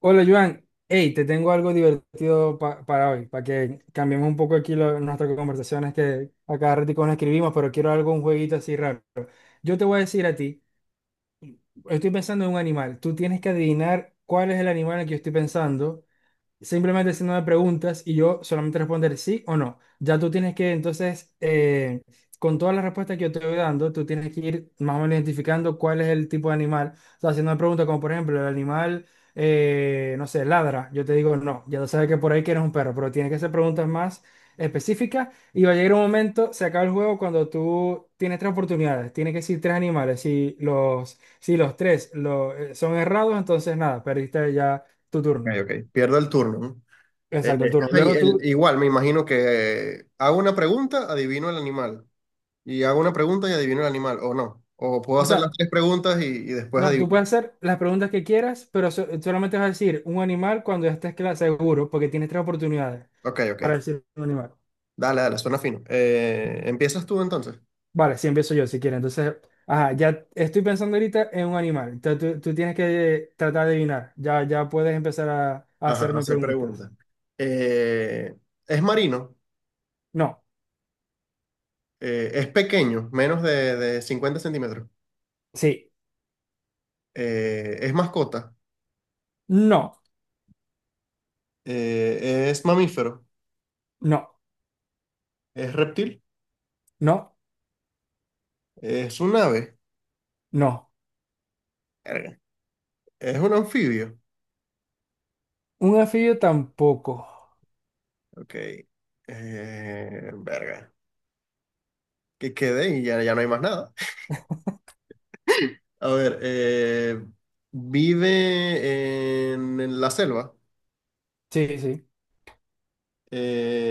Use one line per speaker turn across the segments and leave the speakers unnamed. Hola Joan, hey, te tengo algo divertido para hoy, para que cambiemos un poco aquí nuestras conversaciones que a cada ratico nos escribimos, pero quiero algo, un jueguito así raro. Yo te voy a decir a ti, estoy pensando en un animal, tú tienes que adivinar cuál es el animal en el que yo estoy pensando simplemente haciéndome preguntas y yo solamente responder sí o no. Ya tú tienes que, entonces, con todas las respuestas que yo te voy dando, tú tienes que ir más o menos identificando cuál es el tipo de animal. O sea, haciendo una pregunta como, por ejemplo, el animal, no sé, ladra. Yo te digo no, ya tú sabes que por ahí que eres un perro, pero tienes que hacer preguntas más específicas y va a llegar un momento, se acaba el juego cuando tú tienes tres oportunidades, tienes que decir tres animales. Si los tres son errados, entonces nada, perdiste ya tu
Ok,
turno.
ok. Pierdo el turno, ¿no?
Exacto, el turno.
Ay,
Luego tú,
igual, me imagino que hago una pregunta, adivino el animal. Y hago una pregunta y adivino el animal, o no. O puedo
o
hacer las
sea,
tres preguntas y después
no, tú
adivino.
puedes hacer las preguntas que quieras, pero solamente vas a decir un animal cuando ya estés seguro, porque tienes tres oportunidades
Ok, ok.
para decir un animal.
Dale, dale, suena fino. ¿Empiezas tú entonces?
Vale, sí, empiezo yo si quieres. Entonces, ajá, ya estoy pensando ahorita en un animal. Entonces, tú tienes que tratar de adivinar. Ya puedes empezar a
Ajá,
hacerme
hacer
preguntas.
preguntas. Eh, es marino.
No,
Es pequeño, menos de 50 cm.
sí,
Es mascota.
no,
Es mamífero.
no,
Es reptil.
no,
Es un ave.
no.
Verga. Es un anfibio.
Un anfibio tampoco.
Ok. Verga. Que quede y ya, ya no hay más nada. A ver, vive en la selva.
Sí, sí.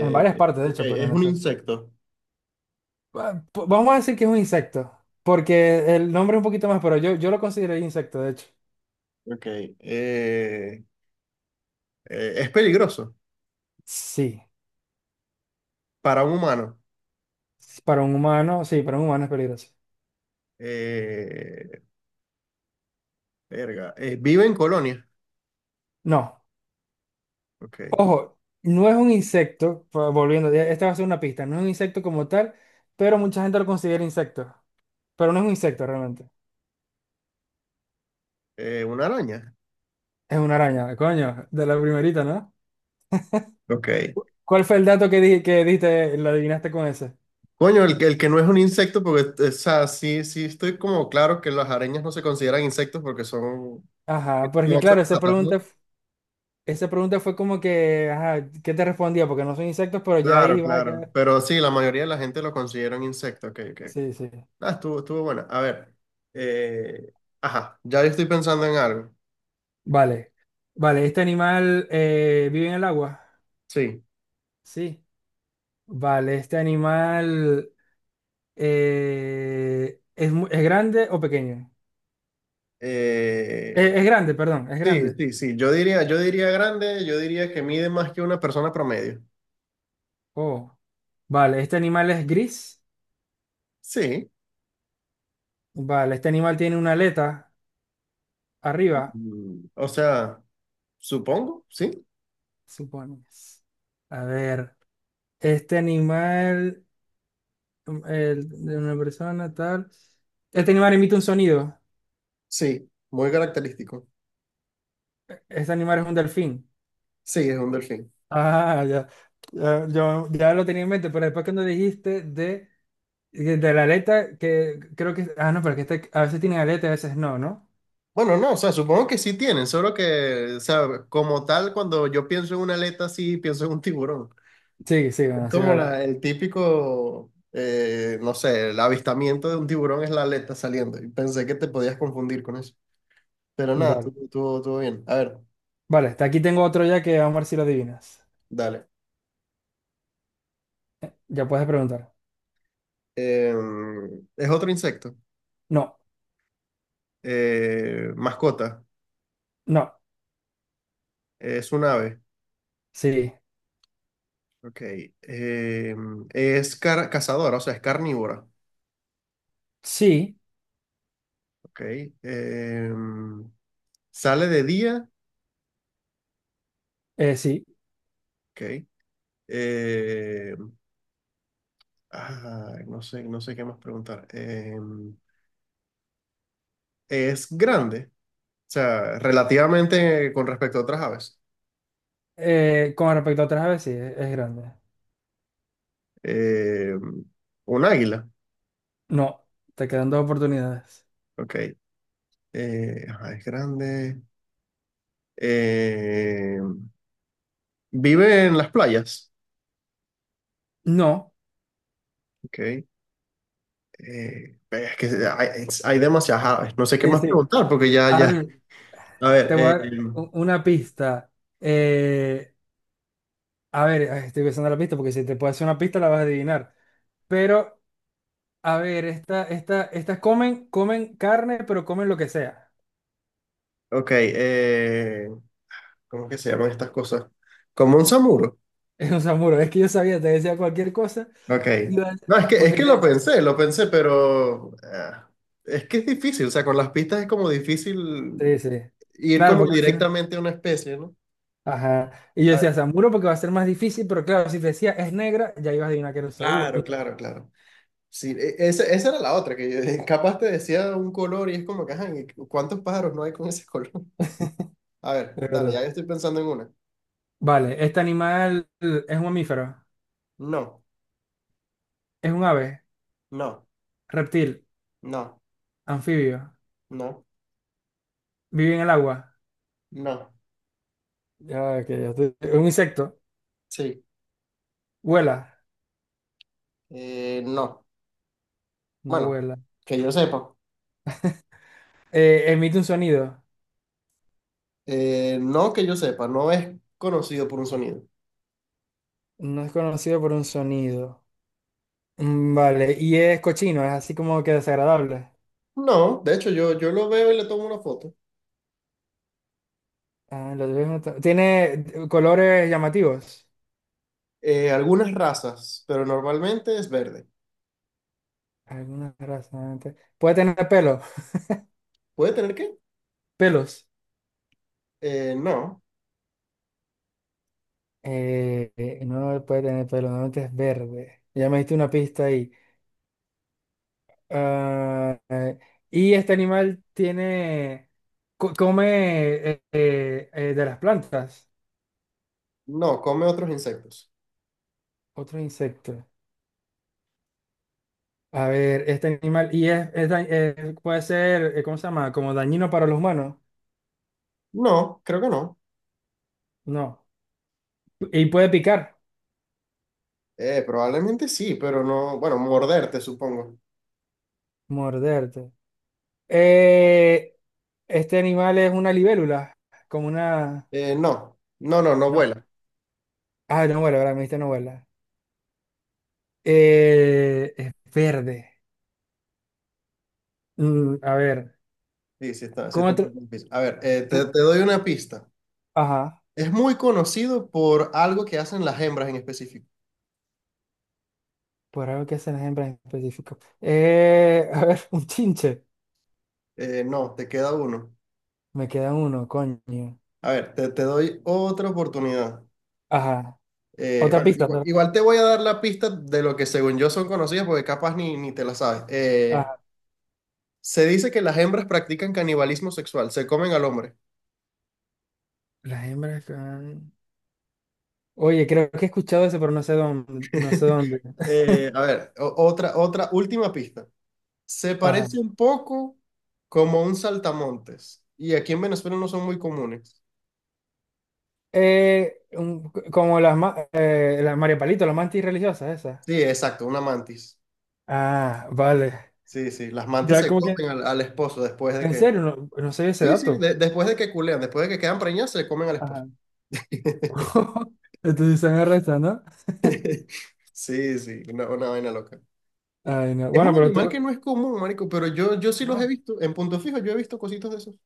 En varias partes, de
Ok,
hecho, pero
es
no
un
sé.
insecto.
Vamos a decir que es un insecto, porque el nombre es un poquito más, pero yo lo considero insecto, de hecho.
Ok. eh, es peligroso
Sí,
para un humano.
para un humano, sí, para un humano es peligroso.
Eh, Verga. Vive en colonia.
No,
Ok.
ojo, no es un insecto, volviendo, esta va a ser una pista, no es un insecto como tal, pero mucha gente lo considera insecto, pero no es un insecto realmente,
Una araña.
es una araña, coño, de la primerita, ¿no?
Ok.
¿Cuál fue el dato que, di que diste, lo adivinaste con ese?
Coño, que el que no es un insecto, porque, o sea, sí, sí estoy como claro que las arañas no se consideran insectos porque
Ajá,
tienen
porque
ocho
claro, esa
patas, ¿no?
pregunta, esa pregunta fue como que, ajá, ¿qué te respondía? Porque no son insectos, pero ya
Claro,
ahí va a
claro.
quedar.
Pero sí, la mayoría de la gente lo considera un insecto. Ok, ok, ok.
Sí, sí.
Ah, estuvo buena. A ver. eh, ajá, ya yo estoy pensando en algo.
Vale. Vale, ¿este animal vive en el agua?
Sí.
Sí. Vale, ¿este animal es grande o pequeño?
eh,
Es grande, perdón, es
sí,
grande.
sí, sí. Yo diría grande, yo diría que mide más que una persona promedio.
Oh, vale, ¿este animal es gris?
Sí.
Vale, ¿este animal tiene una aleta arriba?
O sea, supongo, sí.
Supones. A ver, ¿este animal de una persona tal? ¿Este animal emite un sonido?
Sí, muy característico.
¿Este animal es un delfín?
Sí, es un delfín.
Ah, ya. Ya, yo ya lo tenía en mente, pero después cuando dijiste de, la aleta, que creo que... Ah, no, pero que este, a veces tienen aleta y a veces no, ¿no?
Bueno, no, o sea, supongo que sí tienen, solo que, o sea, como tal, cuando yo pienso en una aleta, sí pienso en un tiburón.
Sí, sí,
Es
bueno, sí, es
como
verdad.
el típico, no sé, el avistamiento de un tiburón es la aleta saliendo. Y pensé que te podías confundir con eso. Pero nada,
Vale.
estuvo bien. A ver,
Vale, hasta aquí tengo otro ya que vamos a ver si lo adivinas.
dale.
Ya puedes preguntar.
Eh, es otro insecto.
No,
Mascota.
no,
Es un ave.
sí,
Ok. Eh, es cazadora, o sea, es carnívora.
sí,
Ok. Eh, Sale de día.
sí.
Ok. Eh, ah, no sé qué más preguntar. Es grande. O sea, relativamente con respecto a otras aves.
Con respecto a otras aves, sí, es grande.
Eh, un águila.
No, te quedan dos oportunidades.
Ok. Ajá, es grande. Eh, Vive en las playas.
No,
Ok. Es que hay demasiadas aves. No sé qué
sí,
más
sí.
preguntar porque ya,
A
ya.
ver,
A ver,
te voy a dar una pista. Eh, A ver, ay, estoy pensando la pista porque si te puedo hacer una pista la vas a adivinar. Pero, a ver, estas comen carne, pero comen lo que sea.
ok. ¿Cómo que se llaman estas cosas? Como un samuro.
Es un samuro. Es que yo sabía, te decía cualquier cosa.
Ok.
Y iba a-
No, es que, es
Porque
que
dices,
lo pensé, pero, ah, es que es difícil, o sea, con las pistas es como difícil
sí, sí.
ir
Claro,
como
porque al final.
directamente a una especie, ¿no?
Ajá. Y yo
Ah,
decía samuro porque va a ser más difícil, pero claro, si te decía es negra, ya ibas a adivinar que era un samuro.
claro, claro, claro. Sí, esa era la otra, capaz te decía un color y es como que, ajá, ¿y cuántos pájaros no hay con ese color? A ver,
De
dale, ya
verdad.
yo estoy pensando en una.
Vale, este animal es un mamífero,
No,
es un ave,
no,
reptil,
no,
anfibio,
no,
vive en el agua.
no,
Es un insecto,
sí,
vuela.
no.
No
Bueno,
vuela.
que yo sepa.
Emite un sonido.
No que yo sepa, no es conocido por un sonido.
No es conocido por un sonido. Vale, y es cochino, es así como que desagradable.
No, de hecho yo lo veo y le tomo una foto.
Ah, lo debes notar. Tiene colores llamativos.
Algunas razas, pero normalmente es verde.
Algunas razas. Puede tener pelo.
¿Puede tener qué?
Pelos.
No.
No puede tener pelo, normalmente es verde. Ya me diste una pista ahí. Ah, y este animal come de las plantas,
No, come otros insectos.
otro insecto. A ver, este animal, y puede ser, ¿cómo se llama? Como dañino para los humanos.
No, creo que no.
No. Y puede picar,
Probablemente sí, pero no. Bueno, morderte, supongo.
morderte. Eh, este animal es una libélula, como una...
No, no, no, no
No.
vuela.
Ah, no vuela, ¿verdad? Me dijiste no vuela. Es verde. A ver,
Sí, sí está, sí
¿cómo
está un
otro?
poco difícil. A ver, te,
te-
te doy una pista.
Ajá,
Es muy conocido por algo que hacen las hembras en específico.
por algo que hacen las hembras en específico. A ver, un chinche.
No, te queda uno.
Me queda uno, coño.
A ver, te doy otra oportunidad.
Ajá. Otra
Bueno,
pista,
igual, igual te voy a dar la pista de lo que según yo son conocidas, porque capaz ni te la sabes.
Ajá.
Se dice que las hembras practican canibalismo sexual, se comen al hombre.
Las hembras. Oye, creo que he escuchado eso, pero no sé dónde, no sé dónde.
A ver, otra última pista. Se
Ajá.
parece un poco como a un saltamontes. Y aquí en Venezuela no son muy comunes.
Como las, las María Palito, las mantis religiosas, esas.
Sí, exacto, una mantis.
Ah, vale.
Sí, sí, las mantis
Ya
se
como que,
comen al esposo después de
en
que...
serio, no, no sé ese
Sí, sí,
dato.
después de que culean, después de que quedan preñadas, se comen al esposo.
Ajá. Entonces se arrestan, ¿no?
Sí, sí, una vaina loca. Y
Ay, no.
Es
Bueno,
un
pero
animal que
tú...
no es común, marico, pero yo sí los he
No,
visto. En Punto Fijo yo he visto cositas de esos.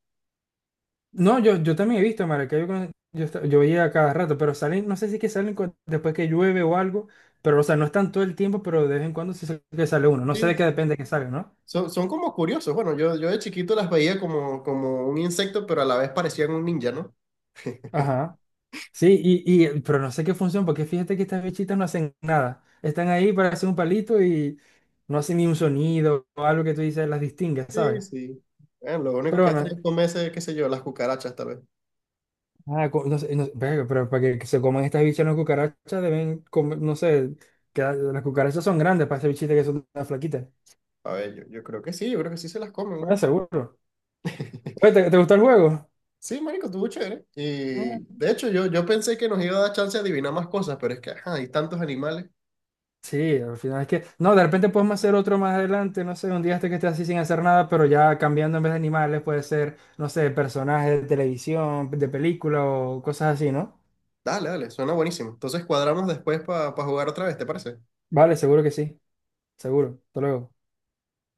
no yo, también he visto, Maracaibo, yo veía a cada rato, pero salen, no sé si es que salen después que llueve o algo, pero, o sea, no están todo el tiempo, pero de vez en cuando sí sé que sale uno. No sé
Sí,
de qué
sí.
depende que salga, ¿no?
Son como curiosos. Bueno, yo de chiquito las veía como un insecto, pero a la vez parecían un ninja, ¿no?
Ajá. Sí, y, pero no sé qué función, porque fíjate que estas bichitas no hacen nada. Están ahí para hacer un palito y no hacen ni un sonido o algo que tú dices las distingas,
Sí,
¿sabes?
sí. Bueno, lo único
Pero
que hacen
bueno,
es comerse, qué sé yo, las cucarachas tal vez.
no sé, verga, pero para que se coman estas bichas las cucarachas deben comer, no sé, que las cucarachas son grandes para estas bichitas que son tan flaquitas.
A ver, yo creo que sí, yo creo que sí se las comen,
Bueno,
¿no?
seguro. Oye, ¿te gustó el juego?
Sí, marico, estuvo chévere. Y de hecho, yo pensé que nos iba a dar chance de adivinar más cosas, pero es que, ajá, hay tantos animales.
Sí, al final es que, no, de repente podemos hacer otro más adelante, no sé, un día este que esté así sin hacer nada, pero ya cambiando en vez de animales puede ser, no sé, personajes de televisión, de película o cosas así, ¿no?
Dale, dale, suena buenísimo. Entonces cuadramos después para jugar otra vez, ¿te parece?
Vale, seguro que sí, seguro. Hasta luego.